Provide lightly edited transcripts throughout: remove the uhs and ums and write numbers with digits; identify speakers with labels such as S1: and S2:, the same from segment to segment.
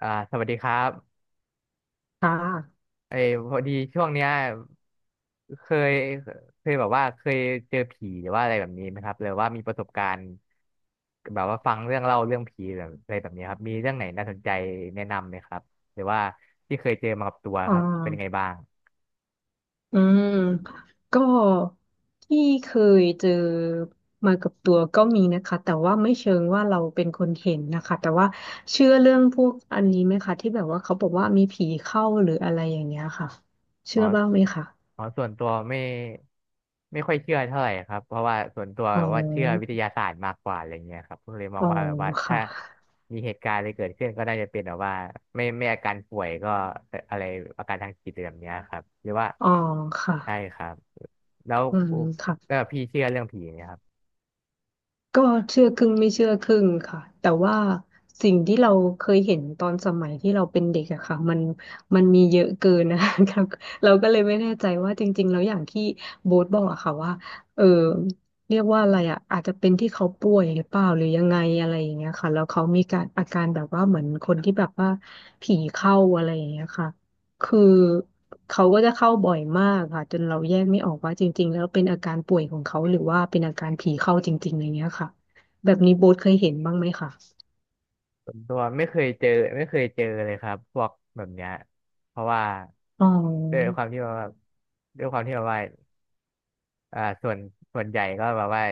S1: สวัสดีครับ
S2: ค่ะ
S1: เอยพอดีช่วงเนี้ยเคยเคยแบบว่าเคยเจอผีหรือว่าอะไรแบบนี้ไหมครับหรือว่ามีประสบการณ์แบบว่าฟังเรื่องเล่าเรื่องผีแบบอะไรแบบนี้ครับมีเรื่องไหนน่าสนใจแนะนำไหมครับหรือว่าที่เคยเจอมากับตัว
S2: อ่
S1: ครับเป็นยังไง
S2: า
S1: บ้าง
S2: อืมก็ที่เคยเจอมากับตัวก็มีนะคะแต่ว่าไม่เชิงว่าเราเป็นคนเห็นนะคะแต่ว่าเชื่อเรื่องพวกอันนี้ไหมคะที่แบบว่าเขาบอกว่ามีผีเข้าหรืออะไรอย่างเงี้ยค่ะ
S1: อ๋
S2: เชื่
S1: อ
S2: อบ้างไหมคะ
S1: อ๋อส่วนตัวไม่ค่อยเชื่อเท่าไหร่ครับเพราะว่าส่วนตัว
S2: อ๋อ
S1: ว่าเชื่อวิทยาศาสตร์มากกว่าอะไรเงี้ยครับก็เลยมอ
S2: อ๋
S1: ง
S2: อ
S1: ว่าแบบว่าถ้า
S2: ค่ะ
S1: มีเหตุการณ์อะไรเกิดขึ้นก็น่าจะเป็นแบบว่าไม่ไม่อาการป่วยก็อะไรอาการทางจิตอะไรแบบเนี้ยครับหรือว่า
S2: อ๋อค่ะ
S1: ใช่ครับแล้ว
S2: อืมค่ะ
S1: แล้วพี่เชื่อเรื่องผีไหมครับ
S2: ก็เชื่อครึ่งไม่เชื่อครึ่งค่ะแต่ว่าสิ่งที่เราเคยเห็นตอนสมัยที่เราเป็นเด็กอะค่ะมันมีเยอะเกินนะ คะเราก็เลยไม่แน่ใจว่าจริงๆแล้วอย่างที่โบ๊ทบอกอะค่ะว่าเออเรียกว่าอะไรอะอาจจะเป็นที่เขาป่วยหรือเปล่าหรือยังไงอะไรอย่างเงี้ยค่ะแล้วเขามีการอาการแบบว่าเหมือนคนที่แบบว่าผีเข้าอะไรอย่างเงี้ยค่ะ คือเขาก็จะเข้าบ่อยมากค่ะจนเราแยกไม่ออกว่าจริงๆแล้วเป็นอาการป่วยของเขาหรือว่าเป็นอาการผีเข้าจริงๆอะไรเงี้ยค่ะแบบนี้โบ๊ทเคยเห็นบ้างไหมคะ
S1: ส่วนตัวไม่เคยเจอไม่เคยเจอเลยครับพวกแบบเนี้ยเพราะว่า
S2: อ๋
S1: ด้วย
S2: อ
S1: ความที่ว่าด้วยความที่ว่าว่าอ่าส่วนส่วนใหญ่ก็แบบว่า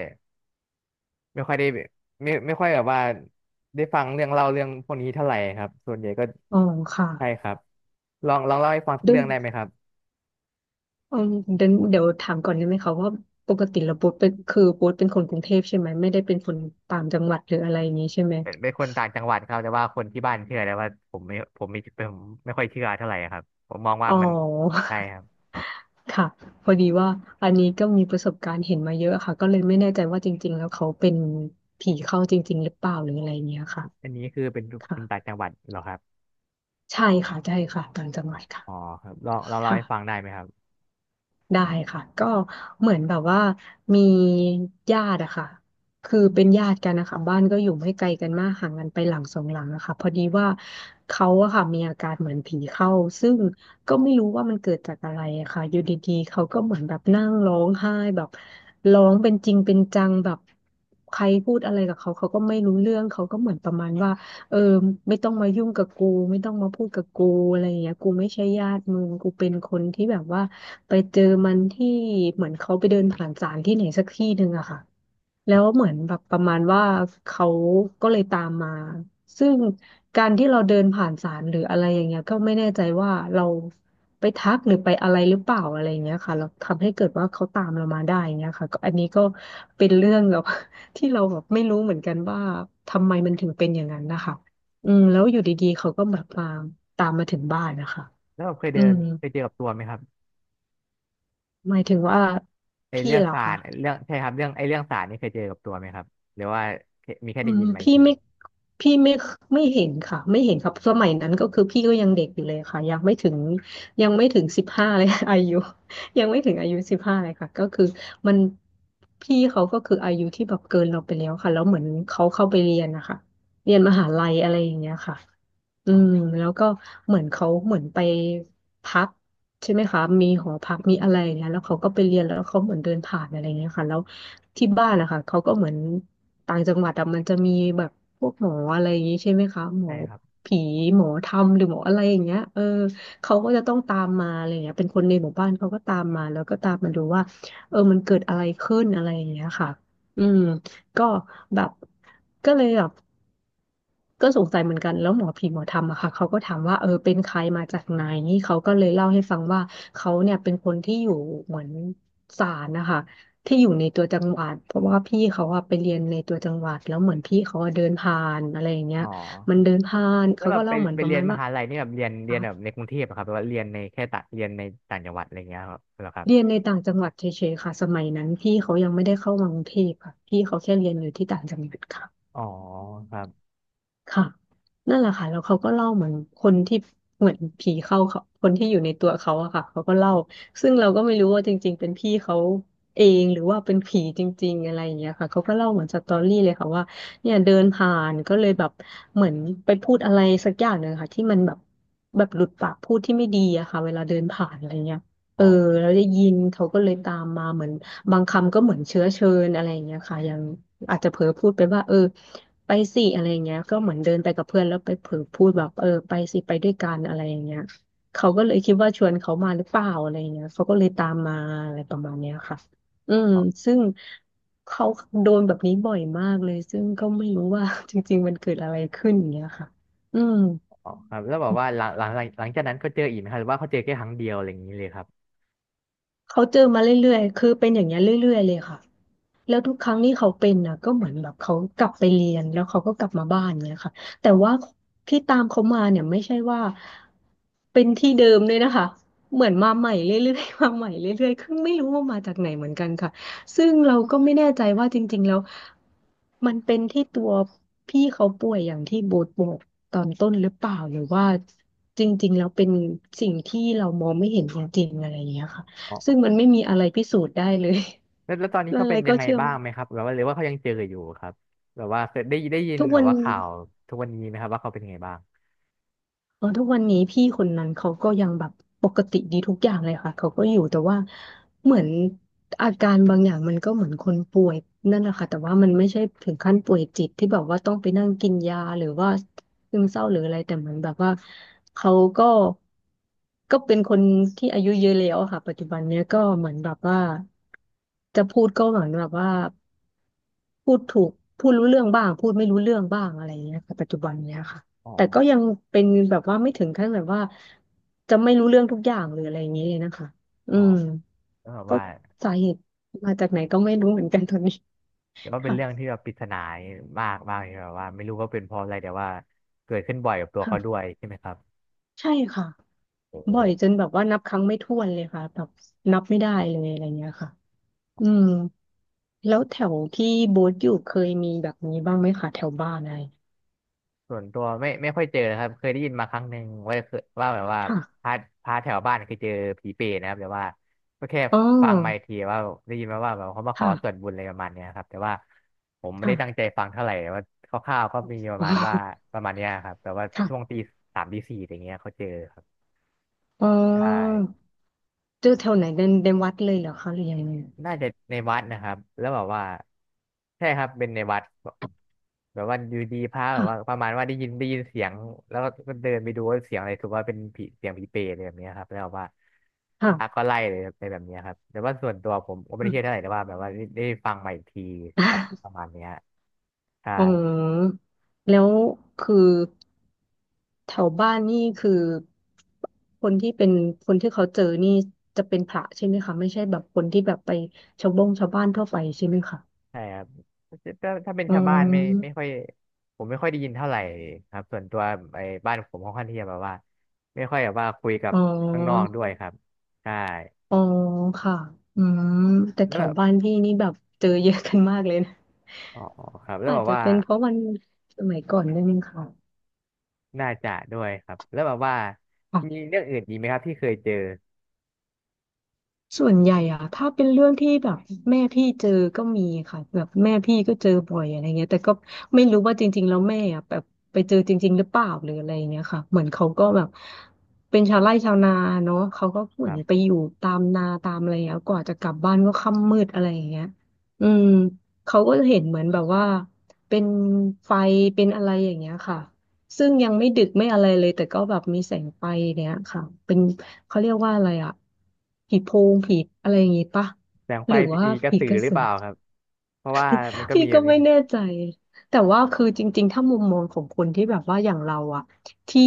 S1: ไม่ค่อยได้แบบไม่ค่อยแบบว่าได้ฟังเรื่องเล่าเรื่องพวกนี้เท่าไหร่ครับส่วนใหญ่ก็
S2: อ๋อค่ะ
S1: ใช่ครับลองเล่าให้ฟังสัก
S2: ด้วย
S1: เรื่องได้ไหมครับ
S2: อืมเดี๋ยวถามก่อนได้ไหมคะว่าปกติแล้วโบ๊ทเป็นคือโบ๊ทเป็นคนกรุงเทพใช่ไหมไม่ได้เป็นคนต่างจังหวัดหรืออะไรอย่างนี้ใช่ไหม
S1: เป็นคนต่างจังหวัดครับแต่ว่าคนที่บ้านเชื่อแต่ว่าผมไม่ค่อยเชื่อเท่าไหร่ครับผมมองว่า
S2: อ๋
S1: มัน
S2: อ
S1: ใช่ครับ
S2: ค่ะพอดีว่าอันนี้ก็มีประสบการณ์เห็นมาเยอะค่ะก็เลยไม่แน่ใจว่าจริงๆแล้วเขาเป็นผีเข้าจริงๆหรือเปล่าหรืออะไรอย่างเงี้ยค่ะ
S1: อันนี้คือเป็นค
S2: ค่ะ
S1: นต่างจังหวัดเหรอครับ
S2: ใช่ค่ะใช่ค่ะต่างจังห
S1: อ๋อ
S2: วัดค่ะ
S1: อ๋อครับลองเล่า
S2: ค่ะ
S1: ให้ฟังได้ไหมครับ
S2: ได้ค่ะก็เหมือนแบบว่ามีญาติอะค่ะคือเป็นญาติกันนะคะบ้านก็อยู่ไม่ไกลกันมากห่างกันไปหลังสองหลังอะค่ะพอดีว่าเขาอะค่ะมีอาการเหมือนผีเข้าซึ่งก็ไม่รู้ว่ามันเกิดจากอะไรอะค่ะอยู่ดีๆเขาก็เหมือนแบบนั่งร้องไห้แบบร้องเป็นจริงเป็นจังแบบใครพูดอะไรกับเขาเขาก็ไม่รู้เรื่องเขาก็เหมือนประมาณว่าเออไม่ต้องมายุ่งกับกูไม่ต้องมาพูดกับกูอะไรอย่างเงี้ยกูไม่ใช่ญาติมึงกูเป็นคนที่แบบว่า ไปเจอมันที่เหมือนเขาไปเดินผ่านศาลที่ไหนสักที่หนึ่งอะค่ะแล้วเหมือนแบบประมาณว่าเขาก็เลยตามมาซึ่งการที่เราเดินผ่านศาลหรืออะไรอย่างเงี้ยก็ไม่แน่ใจว่าเราไปทักหรือไปอะไรหรือเปล่าอะไรอย่างเงี้ยค่ะเราทำให้เกิดว่าเขาตามเรามาได้อย่างเงี้ยค่ะก็อันนี้ก็เป็นเรื่องแบบ ที่เราแบบไม่รู้เหมือนกันว่าทำไมมันถึงเป็นอย่างนั้นนะคะแล้วอยู่ดีๆเขาก็แบบมาตามมาถึงบ้านนะคะ
S1: แล้วแบบ
S2: อืม
S1: เคยเจอกับตัวไหมครับ
S2: หมายถึงว่า
S1: ไอ
S2: พี่
S1: เรื่อง
S2: เหรอ
S1: สา
S2: คะ
S1: รไอ้เรื่องใช่ครับเรื่องไอเรื่องสารนี่เคยเจอกับตัวไหมครับหรือว่ามีแค่
S2: อื
S1: ได้
S2: ม
S1: ยินมาอีก
S2: พี่
S1: ที
S2: ไม่พี่ไม่เห็นค่ะไม่เห็นครับสมัยนั้นก็คือพี่ก็ยังเด็กอยู่เลยค่ะยังไม่ถึงสิบห้าเลย อายุยังไม่ถึงอายุสิบห้าเลยค่ะก็คือมันพี่เขาก็คืออายุที่แบบเกินเราไปแล้วค่ะแล้วเหมือนเขาเข้าไปเรียนนะคะเรียนมหาลัยอะไรอย่างเงี้ยค่ะ อื
S1: อ๋
S2: ม
S1: อ
S2: แล้วก็เหมือนเขาเหมือนไปพักใช่ไหมคะมีหอพักมีอะไรเนี่ยแล้วเขาก็ไปเรียนแล้วเขาเหมือนเดินผ่านอะไรเงี้ยค่ะแล้วที่บ้านนะคะเขาก็เหมือนต่างจังหวัดอะมันจะมีแบบพวกหมออะไรอย่างงี้ใช่ไหมคะหม
S1: ใช่
S2: อ
S1: ครับ
S2: ผีหมอธรรมหรือหมออะไรอย่างเงี้ยเขาก็จะต้องตามมาอะไรเงี้ยเป็นคนในหมู่บ้านเขาก็ตามมาแล้วก็ตามมาดูว่ามันเกิดอะไรขึ้นอะไรอย่างเงี้ยค่ะอืมก็แบบก็เลยแบบ ก็สงสัยเหมือนกันแล้วหมอผีหมอธรรมอะค่ะเขาก็ถามว่าเป็นใครมาจากไหน เขาก็เลยเล่าให้ฟังว่า เขาเนี่ยเป็นคนที่อยู่เหมือนศาลนะคะที่อยู่ในตัวจังหวัด เพราะว่าพี่เขาอะไปเรียนในตัวจังหวัดแล้วเหมือนพี่เขาอะเดินผ่านอะไรอย่างเงี้
S1: อ๋
S2: ย
S1: อ
S2: มันเดินผ่าน
S1: แล้ว
S2: เขา
S1: แบ
S2: ก็
S1: บไป
S2: เล่าเหมือน
S1: ไป
S2: ประ
S1: เรีย
S2: มา
S1: น
S2: ณ
S1: ม
S2: ว่า
S1: หาลัยนี่แบบเรียนเรี
S2: อ่ะ
S1: ยนแบบในกรุงเทพอะครับหรือว่าเรียนในแค่ต่างเรียนในต่างจังหวัดอะไรเงี้ยครับเหรอครับ
S2: เรียนในต่างจังหวัดเฉยๆค่ะสมัยนั้นพี่เขายังไม่ได้เข้ามากรุงเทพค่ะพี่เขาแค่เรียนอยู่ที่ต่างจังหวัดค่ะ
S1: อ๋อครับ
S2: ค่ะนั่นแหละค่ะแล้วเขาก็เล่าเหมือนคนที่เหมือนผีเข้าเขาคนที่อยู่ในตัวเขาอะค่ะเขาก็เล่าซึ่งเราก็ไม่รู้ว่าจริงๆเป็นพี่เขาเองหรือว่าเป็นผีจริงๆอะไรอย่างเงี้ยค่ะเขาก็เล่าเหมือนสตอรี่เลยค่ะว่าเนี่ยเดินผ่านก็เลยแบบเหมือนไปพูดอะไรสักอย่างหนึ่งค่ะที่มันแบบหลุดปากพูดที่ไม่ดีอะค่ะเวลาเดินผ่านอะไรเงี้ย เอ
S1: อ๋
S2: อ
S1: อ
S2: เราได้ยินเขาก็เลยตามมาเหมือนบางคำก็เหมือนเชื้อเชิญอะไรอย่างเงี้ยค่ะยังอาจจะเผลอพูดไปว่าเออไปสิอะไรอย่างเงี้ยก็เหมือนเดินไปกับเพื่อนแล้วไปเผลอพูดแบบเออไปสิไปด้วยกันอะไรอย่างเงี้ยเขาก็เลยคิดว่าชวนเขามาหรือเปล่าอะไรอย่างเงี้ยเขาก็เลยตามมาอะไรประมาณเนี้ยค่ะอืม
S1: อ๋อ
S2: ซึ่งเขาโดนแบบนี้บ่อยมากเลยซึ่งก็ไม่รู้ว่า จริงๆมันเกิดอะไรขึ้นอย่างเงี้ยค่ะอืม
S1: อ๋อครับแล้วแบบว่าหลังจากนั้นเขาเจออีกไหมครับหรือว่าเขาเจอแค่ครั้งเดียวอะไรอย่างนี้เลยครับ
S2: เขาเจอมาเรื่อยๆคือเป็นอย่างเงี้ยเรื่อยๆเลยค่ะ แล้วทุกครั้งที่เขาเป็นอ่ะก็เหมือนแบบเขากลับไปเรียนแล้วเขาก็กลับมาบ้านเนี่ยค่ะแต่ว่าที่ตามเขามาเนี่ยไม่ใช่ว่าเป็นที่เดิมเลยนะคะเหมือนมาใหม่เรื่อยๆ มาใหม่เรื่อยๆคือไม่รู้ว่ามาจากไหนเหมือนกันค่ะซึ่งเราก็ไม่แน่ใจว่าจริงๆแล้วมันเป็นที่ตัวพี่เขาป่วยอย่างที่โบทบอกตอนต้นหรือเปล่าหรือว่าจริงๆแล้วเป็นสิ่งที่เรามองไม่เห็นจริงๆอะไรอย่างเงี้ยค่ะ
S1: อ๋
S2: ซึ่ง
S1: อ
S2: มันไม่มีอะไรพิสูจน์ได้เลย
S1: แล้วตอนนี้
S2: อะ
S1: เขา
S2: ไร
S1: เป็นยั
S2: ก็
S1: งไง
S2: เชื่อม
S1: บ้างไหมครับแบบว่าหรือว่าเขายังเจออยู่ครับแบบว่าเคยได้ยิน
S2: ทุก
S1: แบ
S2: วั
S1: บ
S2: น
S1: ว่าข่าวทุกวันนี้ไหมครับว่าเขาเป็นยังไงบ้าง
S2: เออทุกวันนี้พี่คนนั้นเขาก็ยังแบบปกติดีทุกอย่างเลยค่ะเขาก็อยู่แต่ว่าเหมือนอาการบางอย่างมันก็เหมือนคนป่วยนั่นแหละค่ะแต่ว่ามันไม่ใช่ถึงขั้นป่วยจิตที่แบบว่าต้องไปนั่งกินยาหรือว่าซึมเศร้าหรืออะไรแต่เหมือนแบบว่าเขาก็ก็เป็นคนที่อายุเยอะแล้วอะค่ะปัจจุบันเนี้ยก็เหมือนแบบว่าจะพูดก็เหมือนแบบว่าพูดถูกพูดรู้เรื่องบ้างพูดไม่รู้เรื่องบ้างอะไรอย่างเงี้ยค่ะปัจจุบันเนี้ยค่ะ
S1: อ๋อ
S2: แต่ก็ยังเป็นแบบว่าไม่ถึงขั้นแบบว่าจะไม่รู้เรื่องทุกอย่างหรืออะไรอย่างนี้เลยนะคะอื
S1: อ๋อ
S2: ม
S1: แล้วแบบ
S2: ก็
S1: ว่า
S2: สาเหตุมาจากไหนก็ไม่รู้เหมือนกันตอนนี้
S1: แต่วว่า เป็น
S2: ค่ะ
S1: เรื่องที่แบบปริศนามากมากเลยแบบว่าไม่รู้ว่าเป็นเพราะอะไรแต่ว่าเกิดขึ้นบ่อยกับตัว
S2: ค่ะ
S1: เขาด้วยใช่ไหมครับ
S2: ใช่ค่ะ
S1: โอ้โห
S2: บ่อยจนแบบว่านับครั้งไม่ถ้วนเลยค่ะแบบนับไม่ได้เลยอะไรเงี้ยค่ะอืมแล้วแถวที่โบ๊ทอยู่เคยมีแบบนี้บ้างไหมคะแถวบ้านอะไร
S1: ส่วนตัวไม่ค่อยเจอนะครับเคยได้ยินมาครั้งหนึ่งว่าเคยว่าแบบว่า
S2: ค่ะ
S1: พาพาแถวบ้านเคยเจอผีเปรตนะครับแต่ว่าก็แค่
S2: อ๋อ
S1: ฟังมาอีกทีว่าได้ยินมาว่าแบบเขามาขอ
S2: ค่ะ
S1: ส่วนบุญอะไรประมาณเนี้ยครับแต่ว่าผมไม่
S2: ค่
S1: ได้ตั้งใจ
S2: ะ
S1: ฟังเท่าไหร่แต่ว่าคร่าวๆก็มีประ
S2: อ๋
S1: มาณว่า
S2: อ
S1: ประมาณเนี้ยครับแต่ว่า
S2: ค่ะ
S1: ช่วงตี 3ตี 4อย่างเงี้ยเขาเจอครับ
S2: อ๋อ
S1: ใช่
S2: เจอแถวไหนในวัดเลยเหรอคะหรือยังไง
S1: น่าจะในวัดนะครับแล้วแบบว่าใช่ครับเป็นในวัดแบบแบบว่าอยู่ดีพระแบบ
S2: ค่ะ
S1: ว่าประมาณว่าได้ยินเสียงแล้วก็เดินไปดูว่าเสียงอะไรถือว่าเป็นผีเสียงผีเปรตอะไรแบบเนี้ยครับแล้วแบบว่าพระก็
S2: ค่ะ
S1: ไล่เลยในแบบเนี้ยครับแต่ว่าส่วนตัวผมก็ไม่ได้เชื่อเท่าไห
S2: อ
S1: ร่แต่ว่าแบบว่าได้ฟังมาอีกทีครับประมาณเนี้ยใช่
S2: ืมแล้วคือแถวบ้านนี่คือคนที่เป็นคนที่เขาเจอนี่จะเป็นพระใช่ไหมคะไม่ใช่แบบคนที่แบบไปชาวบ้านทั่วไปใช่ไหมคะ
S1: ใช่ครับถ้าเป็น
S2: อื
S1: ชาวบ้านไม่ไม่ค่อ
S2: ม
S1: ยผมไม่ค่อยได้ยินเท่าไหร่ครับส่วนตัวไอ้บ้านผมค่อนข้างที่จะแบบว่าไม่ค่อยแบบว่าคุยกับ
S2: อ๋อ
S1: ข้างนอกด้วยครับใช่
S2: อ๋อค่ะอืมแต่
S1: แล้
S2: แถ
S1: วแบ
S2: ว
S1: บ
S2: บ้านพี่นี่แบบเจอเยอะกันมากเลยนะ
S1: อ๋อครับแล้ว
S2: อา
S1: แบ
S2: จ
S1: บ
S2: จะ
S1: ว่า
S2: เป็นเพราะวันสมัยก่อนด้วยมั้งค่ะ
S1: น่าจะด้วยครับแล้วแบบว่ามีเรื่องอื่นอีกไหมครับที่เคยเจอ
S2: ส่วนใหญ่อะถ้าเป็นเรื่องที่แบบแม่พี่เจอก็มีค่ะแบบแม่พี่ก็เจอบ่อยอะไรเงี้ยแต่ก็ไม่รู้ว่าจริงๆแล้วแม่อะแบบไปเจอจริงๆหรือเปล่าหรืออะไรเงี้ยค่ะเหมือนเขาก็แบบเป็นชาวไร่ชาวนาเนาะเขาก็เห
S1: ค
S2: มือ
S1: รั
S2: น
S1: บ
S2: ไปอยู่ตามนาตามอะไรอย่างเงี้ยกว่าจะกลับบ้านก็ค่ำมืดอะไรอย่างเงี้ยอืมเขาก็เห็นเหมือนแบบว่าเป็นไฟเป็นอะไรอย่างเงี้ยค่ะ ซึ่งยังไม่ดึกไม่อะไรเลยแต่ก็แบบมีแสงไฟเนี้ยค่ะเป็นเขาเรียกว่าอะไรอะผีโพงผีอะไรอย่างงี้ปะ
S1: แสงไฟ
S2: หรือว่า
S1: ผีกระ
S2: ผี
S1: สือ
S2: กระ
S1: หรือ
S2: สื
S1: เป
S2: อ
S1: ล่าครับเพราะว่ามันก็
S2: พี่
S1: มีแบ
S2: ก็
S1: บนี้
S2: ไม่แน่ใจ แต่ว่าคือจริงๆถ้ามุมมองของคนที่แบบว่าอย่างเราอะที่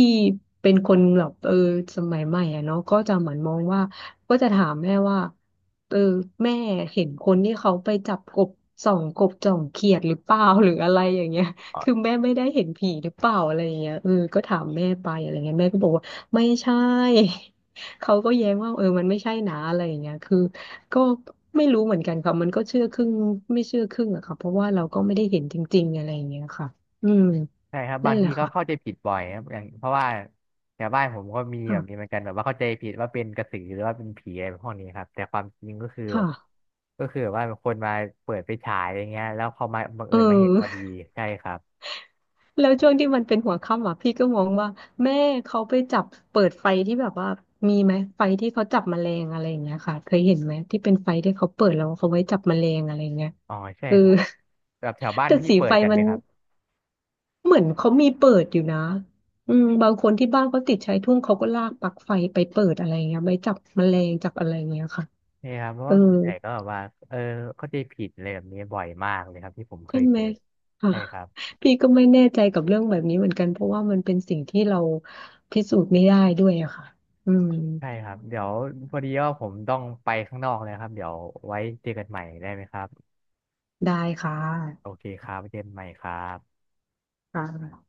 S2: เป็นคนแบบเออสมัยใหม่อะเนาะก็จะเหมือนมองว่าก็จะถามแม่ว่าเออแม่เห็นคนที่เขาไปจับกบส่องกบจ่องเขียดหรือเปล่าหรืออะไรอย่างเงี้ยคือแม่ไม่ได้เห็นผีหรือเปล่าอะไรอย่างเงี้ยเออก็ถามแม่ไปอะไรเงี้ยแม่ก็บอกว่าไม่ใช่ เขาก็แย้งว่าเออมันไม่ใช่นะอะไรอย่างเงี้ยคือ ก็ไม่รู้เหมือนกันค่ะมันก็เชื่อครึ่งไม่เชื่อครึ่งอะค่ะเพราะว่าเราก็ไม่ได้เห็นจริงๆอะไรอย่างเงี้ยค่ะอืม
S1: ใช่ครับ
S2: นั่
S1: บา
S2: น
S1: ง
S2: แห
S1: ที
S2: ละ
S1: ก็เข้า
S2: ค่ะ
S1: ใจผิดบ่อยครับอย่างเพราะว่าแถวบ้านผมก็มีแบบนี้เหมื
S2: ค่ะ
S1: อนกันแบบว่าเข้าใจผิดว่าเป็นกระสือหรือว่าเป็นผีอะไรพวกนี้ครับแต่ความจริงก็คือ
S2: ค่ะ
S1: ก็คือแบบว่าเป็นคนมาเปิดไปฉายอย่างเงี้ยแล้วเขามาบัง
S2: เอ
S1: เอิญ
S2: อ
S1: มา เห็นพอดีใช่ครับ
S2: แล้วช่วงที่มันเป็นหัวค่ำอ่ะพี่ก็มองว่าแม่เขาไปจับเปิดไฟที่แบบว่ามีไหมไฟที่เขาจับแมลงอะไรอย่างเงี้ยค่ะเคยเห็นไหมที่เป็นไฟที่เขาเปิดแล้วเขาไว้จับแมลงอะไรอย่างเงี้ย
S1: อ๋อใช่
S2: เออ
S1: ครับแบบแถวบ้า น
S2: แต่
S1: พี่
S2: สี
S1: เปิ
S2: ไฟ
S1: ดกัน
S2: มั
S1: ไหม
S2: น
S1: ครับ
S2: เหมือนเขามีเปิดอยู่นะอืมบางคนที่บ้านเขาติดชายทุ่งเขาก็ลากปลั๊กไฟไปเปิดอะไรเงี้ยไปจับแมลงจับอะไรเงี้ยค่ะ
S1: ใช่ครับเพราะ
S2: เออ
S1: ว่าส่วนใหญ่ก็แบบว่าเออเข้าใจผิดอะไรแบบนี้บ่อยมากเลยครับที่ผมเค
S2: ใช่
S1: ย
S2: ไห
S1: เจ
S2: ม
S1: อ
S2: อ่ะ
S1: ใช่ครับ
S2: พี่ก็ไม่แน่ใจกับเรื่องแบบนี้เหมือนกันเพราะว่ามันเป็นสิ่งที่เราพิสูจน์ไม่ได้ด้วยอะค่ะอืม
S1: ใช่ครับเดี๋ยวพอดีว่าผมต้องไปข้างนอกเลยครับเดี๋ยวไว้เจอกันใหม่ได้ไหมครับ
S2: ได้ค่ะ
S1: โอเคครับเจอนใหม่ครับ
S2: ค่ะ